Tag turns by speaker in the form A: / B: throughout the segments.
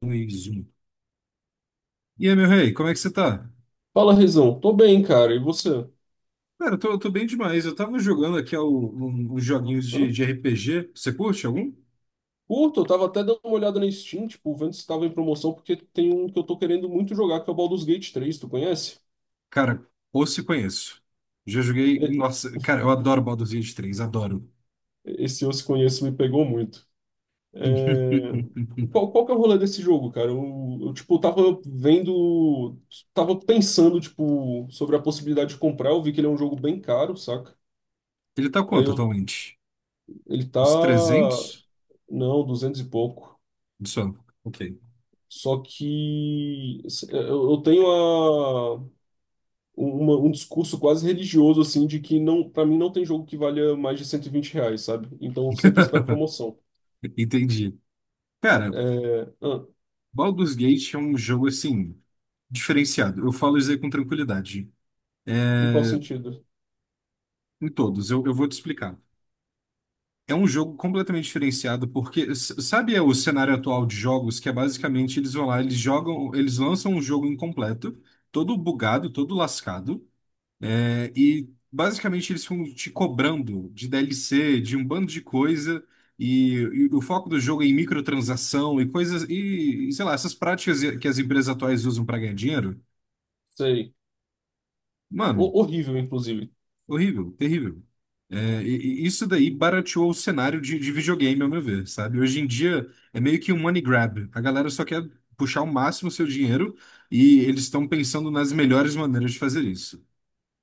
A: Dois, um. E aí, meu rei, como é que você tá?
B: Fala, Rezão. Tô bem, cara. E você?
A: Cara, eu tô bem demais. Eu tava jogando aqui uns joguinhos
B: Hã?
A: de RPG. Você curte algum?
B: Curto, eu tava até dando uma olhada na Steam, tipo, vendo se tava em promoção, porque tem um que eu tô querendo muito jogar, que é o Baldur's Gate 3, tu conhece?
A: Cara, ou se conheço. Já joguei.
B: E-
A: Nossa, cara, eu adoro Baldur's Gate 3, adoro.
B: Esse eu se conheço me pegou muito. É, qual que é o rolê desse jogo, cara? Eu, tipo, tava vendo, tava pensando, tipo, sobre a possibilidade de comprar, eu vi que ele é um jogo bem caro, saca?
A: Ele tá
B: Aí
A: quanto
B: eu,
A: atualmente?
B: ele tá,
A: Uns trezentos.
B: não, 200 e pouco.
A: Só. Ok.
B: Só que eu tenho um discurso quase religioso, assim, de que não, para mim não tem jogo que valha mais de R$ 120, sabe? Então eu sempre espero promoção.
A: Entendi. Cara,
B: É, ah,
A: Baldur's Gate é um jogo assim, diferenciado. Eu falo isso aí com tranquilidade.
B: em qual
A: É,
B: sentido?
A: em todos, eu vou te explicar. É um jogo completamente diferenciado, porque sabe o cenário atual de jogos, que é basicamente eles vão lá, eles jogam, eles lançam um jogo incompleto, todo bugado, todo lascado, é, e basicamente eles ficam te cobrando de DLC, de um bando de coisa, e o foco do jogo é em microtransação e coisas, e sei lá, essas práticas que as empresas atuais usam para ganhar dinheiro,
B: Sei.
A: mano.
B: Horrível, inclusive.
A: Horrível, terrível. É, e isso daí barateou o cenário de videogame, ao meu ver, sabe? Hoje em dia é meio que um money grab. A galera só quer puxar o máximo o seu dinheiro e eles estão pensando nas melhores maneiras de fazer isso.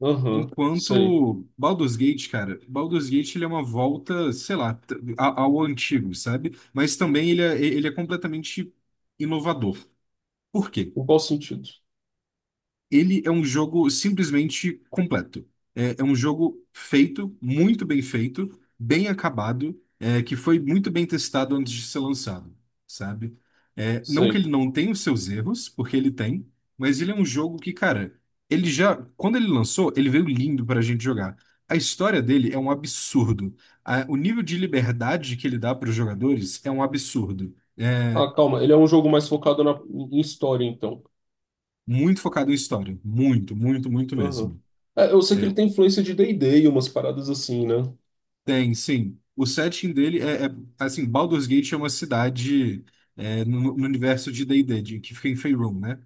B: Aham, sei.
A: Enquanto Baldur's Gate, cara, Baldur's Gate ele é uma volta, sei lá, ao antigo, sabe? Mas também ele é completamente inovador. Por quê?
B: Em qual sentido?
A: Ele é um jogo simplesmente completo. É um jogo feito, muito bem feito, bem acabado, é, que foi muito bem testado antes de ser lançado, sabe? É, não que
B: Sei.
A: ele não tenha os seus erros, porque ele tem, mas ele é um jogo que, cara, ele já, quando ele lançou, ele veio lindo pra gente jogar. A história dele é um absurdo. O nível de liberdade que ele dá para os jogadores é um absurdo. É
B: Ah, calma, ele é um jogo mais focado em história, então.
A: muito focado em história, muito, muito, muito
B: Aham.
A: mesmo.
B: É, eu sei que ele
A: É,
B: tem influência de D&D e D e umas paradas assim, né?
A: tem, sim. O setting dele é assim, Baldur's Gate é uma cidade, no universo de D&D, que fica em Faerûn, né?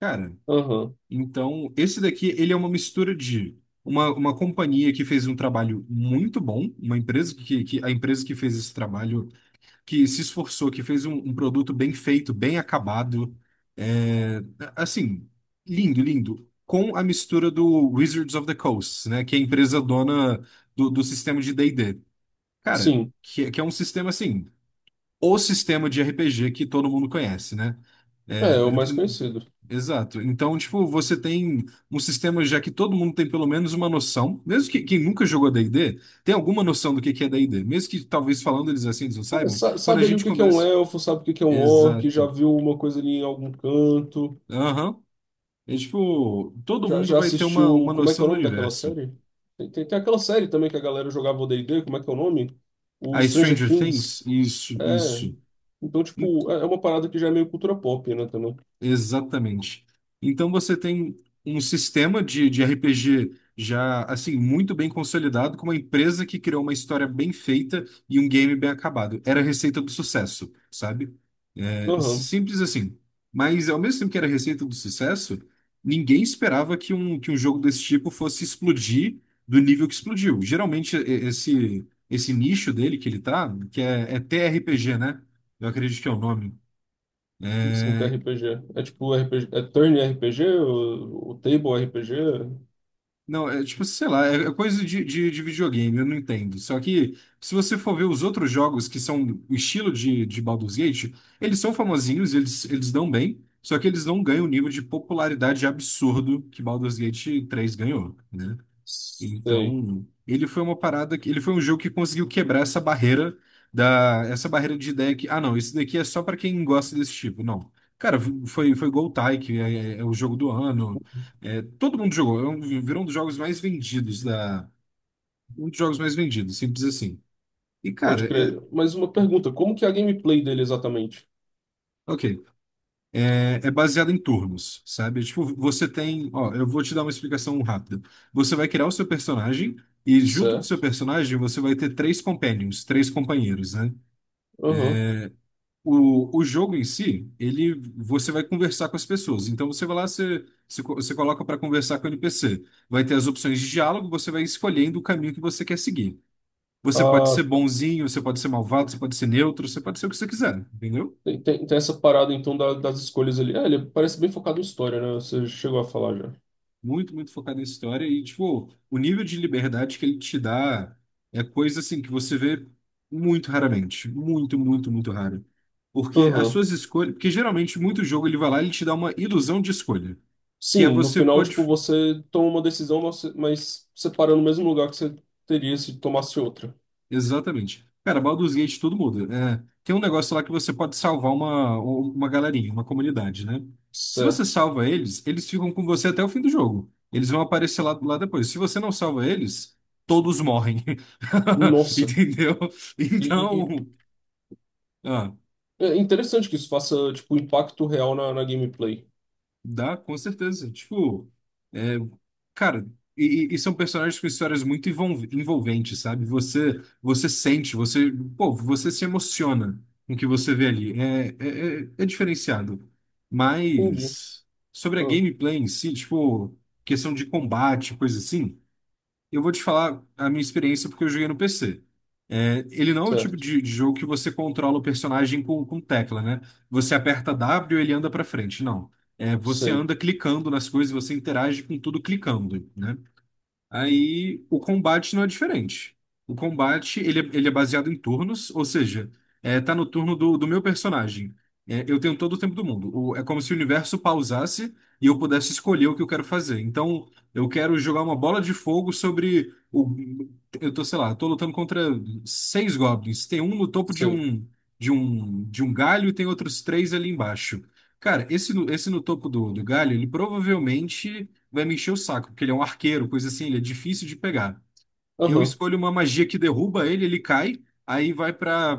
A: Cara,
B: Aham,
A: então esse daqui ele é uma mistura de uma companhia que fez um trabalho muito bom, uma empresa que a empresa que fez esse trabalho, que se esforçou, que fez um produto bem feito, bem acabado, é, assim, lindo, lindo. Com a mistura do Wizards of the Coast, né? Que é a empresa dona do sistema de D&D. Cara,
B: sim.
A: que é um sistema assim, o sistema de RPG que todo mundo conhece, né?
B: É,
A: É,
B: é o mais conhecido.
A: exato. Então, tipo, você tem um sistema já que todo mundo tem pelo menos uma noção, mesmo que quem nunca jogou D&D, tem alguma noção do que é D&D, mesmo que talvez falando eles assim eles não
B: É,
A: saibam, quando a
B: sabe ali o
A: gente
B: que que é um
A: começa.
B: elfo, sabe o que que é um orc, já
A: Exato.
B: viu uma coisa ali em algum canto.
A: Aham. É tipo, todo
B: Já,
A: mundo
B: já
A: vai ter uma,
B: assistiu.
A: uma
B: Como é que é
A: noção
B: o
A: do
B: nome daquela
A: universo.
B: série? Tem aquela série também que a galera jogava o D&D, como é que é o nome? O
A: A
B: Stranger
A: Stranger
B: Things.
A: Things, isso,
B: É.
A: isso.
B: Então, tipo, é uma parada que já é meio cultura pop, né, também.
A: Exatamente. Então você tem um sistema de RPG já assim muito bem consolidado, com uma empresa que criou uma história bem feita e um game bem acabado. Era a receita do sucesso, sabe?
B: Aham.
A: Simples assim. Mas ao mesmo tempo que era a receita do sucesso, ninguém esperava que um jogo desse tipo fosse explodir do nível que explodiu. Geralmente esse nicho dele que ele tá, que é TRPG, né? Eu acredito que é o nome.
B: Assim, que é
A: É,
B: RPG. É tipo RPG. É turn RPG? O table RPG?
A: não, é tipo, sei lá, é coisa de videogame, eu não entendo. Só que, se você for ver os outros jogos que são o estilo de Baldur's Gate, eles são famosinhos, eles dão bem, só que eles não ganham o nível de popularidade absurdo que Baldur's Gate 3 ganhou, né?
B: Sei.
A: Então, ele foi uma parada que ele foi um jogo que conseguiu quebrar essa barreira de ideia que ah não, isso daqui é só pra quem gosta desse tipo. Não. Cara, foi Goltai, que é o jogo do ano. É, todo mundo jogou, virou um dos jogos mais vendidos da um dos jogos mais vendidos, simples assim. E cara,
B: Pode
A: é
B: crer. Mas uma pergunta: como que é a gameplay dele exatamente?
A: ok. É baseado em turnos, sabe? Tipo, você tem, ó, eu vou te dar uma explicação rápida. Você vai criar o seu personagem e junto do seu
B: Certo.
A: personagem você vai ter três companions, três companheiros, né?
B: Aham.
A: O jogo em si, você vai conversar com as pessoas. Então você vai lá, você coloca para conversar com o NPC. Vai ter as opções de diálogo, você vai escolhendo o caminho que você quer seguir. Você pode
B: Ah,
A: ser
B: tá.
A: bonzinho, você pode ser malvado, você pode ser neutro, você pode ser o que você quiser, entendeu?
B: Tem essa parada então das escolhas ali. É, ele parece bem focado em história, né? Você chegou a falar já.
A: Muito, muito focado em história e, tipo, o nível de liberdade que ele te dá é coisa, assim, que você vê muito raramente. Muito, muito, muito raro. Porque as
B: Aham.
A: suas escolhas... Porque, geralmente, muito jogo, ele vai lá e ele te dá uma ilusão de escolha. Que é
B: Sim, no
A: você
B: final,
A: pode...
B: tipo, você toma uma decisão, mas você para no mesmo lugar que você teria se tomasse outra.
A: Exatamente. Cara, Baldur's Gate tudo muda. É, tem um negócio lá que você pode salvar uma galerinha, uma comunidade, né? Se você
B: Certo.
A: salva eles, eles ficam com você até o fim do jogo. Eles vão aparecer lá depois. Se você não salva eles, todos morrem.
B: Nossa.
A: Entendeu?
B: E, e- e-
A: Então, ah,
B: É interessante que isso faça, tipo, impacto real na, na gameplay.
A: dá, com certeza. Tipo, é, cara, e são personagens com histórias muito envolventes, sabe? Você sente, você, pô, você se emociona com o que você vê ali. É diferenciado.
B: Entendi.
A: Mas sobre a
B: Ah,
A: gameplay em si, tipo, questão de combate, coisa assim. Eu vou te falar a minha experiência porque eu joguei no PC. É, ele não é o tipo
B: certo.
A: de jogo que você controla o personagem com tecla, né? Você aperta W e ele anda pra frente. Não. É, você
B: Sei.
A: anda clicando nas coisas, você interage com tudo clicando, né? Aí o combate não é diferente. O combate ele é baseado em turnos, ou seja, tá no turno do meu personagem. É, eu tenho todo o tempo do mundo. É como se o universo pausasse e eu pudesse escolher o que eu quero fazer. Então, eu quero jogar uma bola de fogo sobre o. Eu tô, sei lá, tô lutando contra seis goblins. Tem um no topo de
B: Sei.
A: um de um de um galho e tem outros três ali embaixo. Cara, esse no topo do galho, ele provavelmente vai me encher o saco, porque ele é um arqueiro, coisa assim, ele é difícil de pegar. Eu
B: Aham.
A: escolho uma magia que derruba ele, ele cai, aí vai para,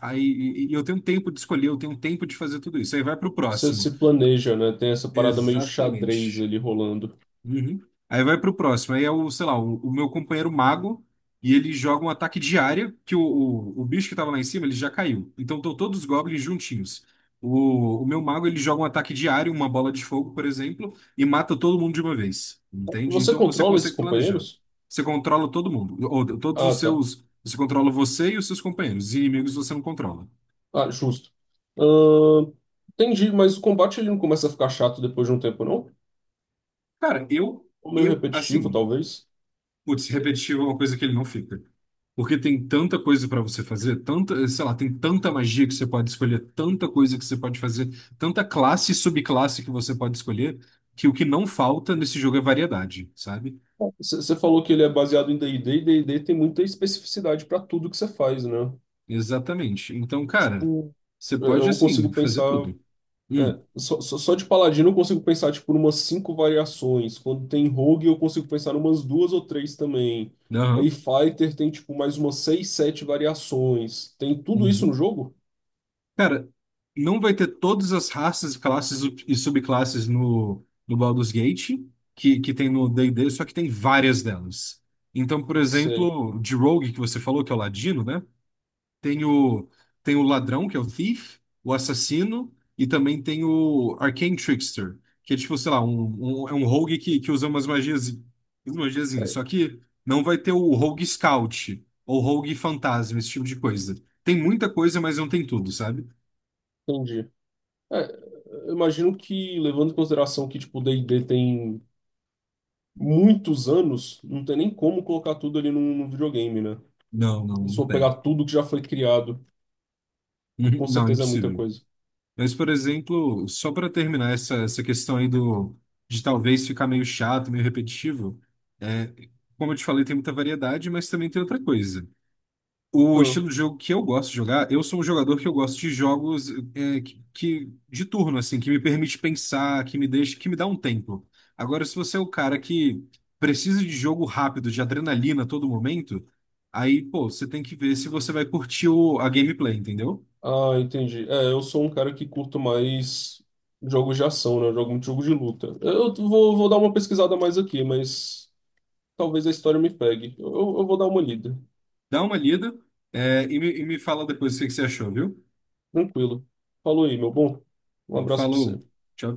A: aí, e eu tenho tempo de escolher, eu tenho tempo de fazer tudo isso. Aí vai para o
B: Você
A: próximo.
B: se planeja, né? Tem essa parada meio xadrez
A: Exatamente.
B: ali rolando.
A: Uhum. Aí vai pro próximo. Aí é o, sei lá, o meu companheiro mago e ele joga um ataque de área que o bicho que tava lá em cima, ele já caiu. Então estão todos os goblins juntinhos. O meu mago, ele joga um ataque de área, uma bola de fogo, por exemplo, e mata todo mundo de uma vez. Entende?
B: Você
A: Então você
B: controla esses
A: consegue planejar.
B: companheiros?
A: Você controla todo mundo. Ou, todos
B: Ah,
A: os
B: tá.
A: seus... Você controla você e os seus companheiros. Os inimigos você não controla.
B: Ah, justo. Ahn, entendi, mas o combate ele não começa a ficar chato depois de um tempo, não?
A: Cara, eu...
B: Ou meio
A: Eu,
B: repetitivo,
A: assim,
B: talvez.
A: putz, repetitivo é uma coisa que ele não fica. Porque tem tanta coisa para você fazer, tanta, sei lá, tem tanta magia que você pode escolher, tanta coisa que você pode fazer, tanta classe e subclasse que você pode escolher, que o que não falta nesse jogo é variedade, sabe?
B: Você falou que ele é baseado em D&D, e D&D tem muita especificidade para tudo que você faz, né?
A: Exatamente. Então, cara,
B: Tipo,
A: você
B: é,
A: pode,
B: eu
A: assim,
B: consigo
A: fazer
B: pensar...
A: tudo. Hum,
B: É, só de Paladino eu consigo pensar, tipo, umas cinco variações. Quando tem Rogue, eu consigo pensar umas duas ou três também.
A: aham,
B: Aí Fighter tem, tipo, mais umas seis, sete variações. Tem tudo isso no
A: uhum.
B: jogo?
A: Cara, não vai ter todas as raças, classes e subclasses no Baldur's Gate, que tem no D&D, só que tem várias delas. Então, por
B: Sei,
A: exemplo, de Rogue, que você falou, que é o Ladino, né? Tem o, tem o Ladrão, que é o Thief, o Assassino, e também tem o Arcane Trickster, que é tipo, sei lá, é um Rogue que usa umas magias, umas magiazinhas. Só que não vai ter o Rogue Scout, ou Rogue Fantasma, esse tipo de coisa. Tem muita coisa, mas não tem tudo, sabe?
B: entendi. É, eu imagino que, levando em consideração que, tipo, D&D tem... muitos anos, não tem nem como colocar tudo ali num, num videogame, né?
A: Não, não,
B: Se
A: não
B: for
A: tem.
B: pegar tudo que já foi criado, que com
A: Não,
B: certeza é muita
A: impossível.
B: coisa.
A: Mas, por exemplo, só para terminar essa questão aí de talvez ficar meio chato, meio repetitivo, é, como eu te falei, tem muita variedade, mas também tem outra coisa. O
B: Ah,
A: estilo de jogo que eu gosto de jogar, eu sou um jogador que eu gosto de jogos de turno, assim, que me permite pensar, que me deixa, que me dá um tempo. Agora, se você é o cara que precisa de jogo rápido, de adrenalina a todo momento, aí, pô, você tem que ver se você vai curtir a gameplay, entendeu?
B: ah, entendi. É, eu sou um cara que curto mais jogos de ação, né? Eu jogo muito jogo de luta. Eu vou dar uma pesquisada mais aqui, mas talvez a história me pegue. Eu vou dar uma lida.
A: Dá uma lida, e me fala depois o que que você achou, viu?
B: Tranquilo. Falou aí, meu bom. Um abraço pra
A: Falou,
B: você.
A: tchau, tchau.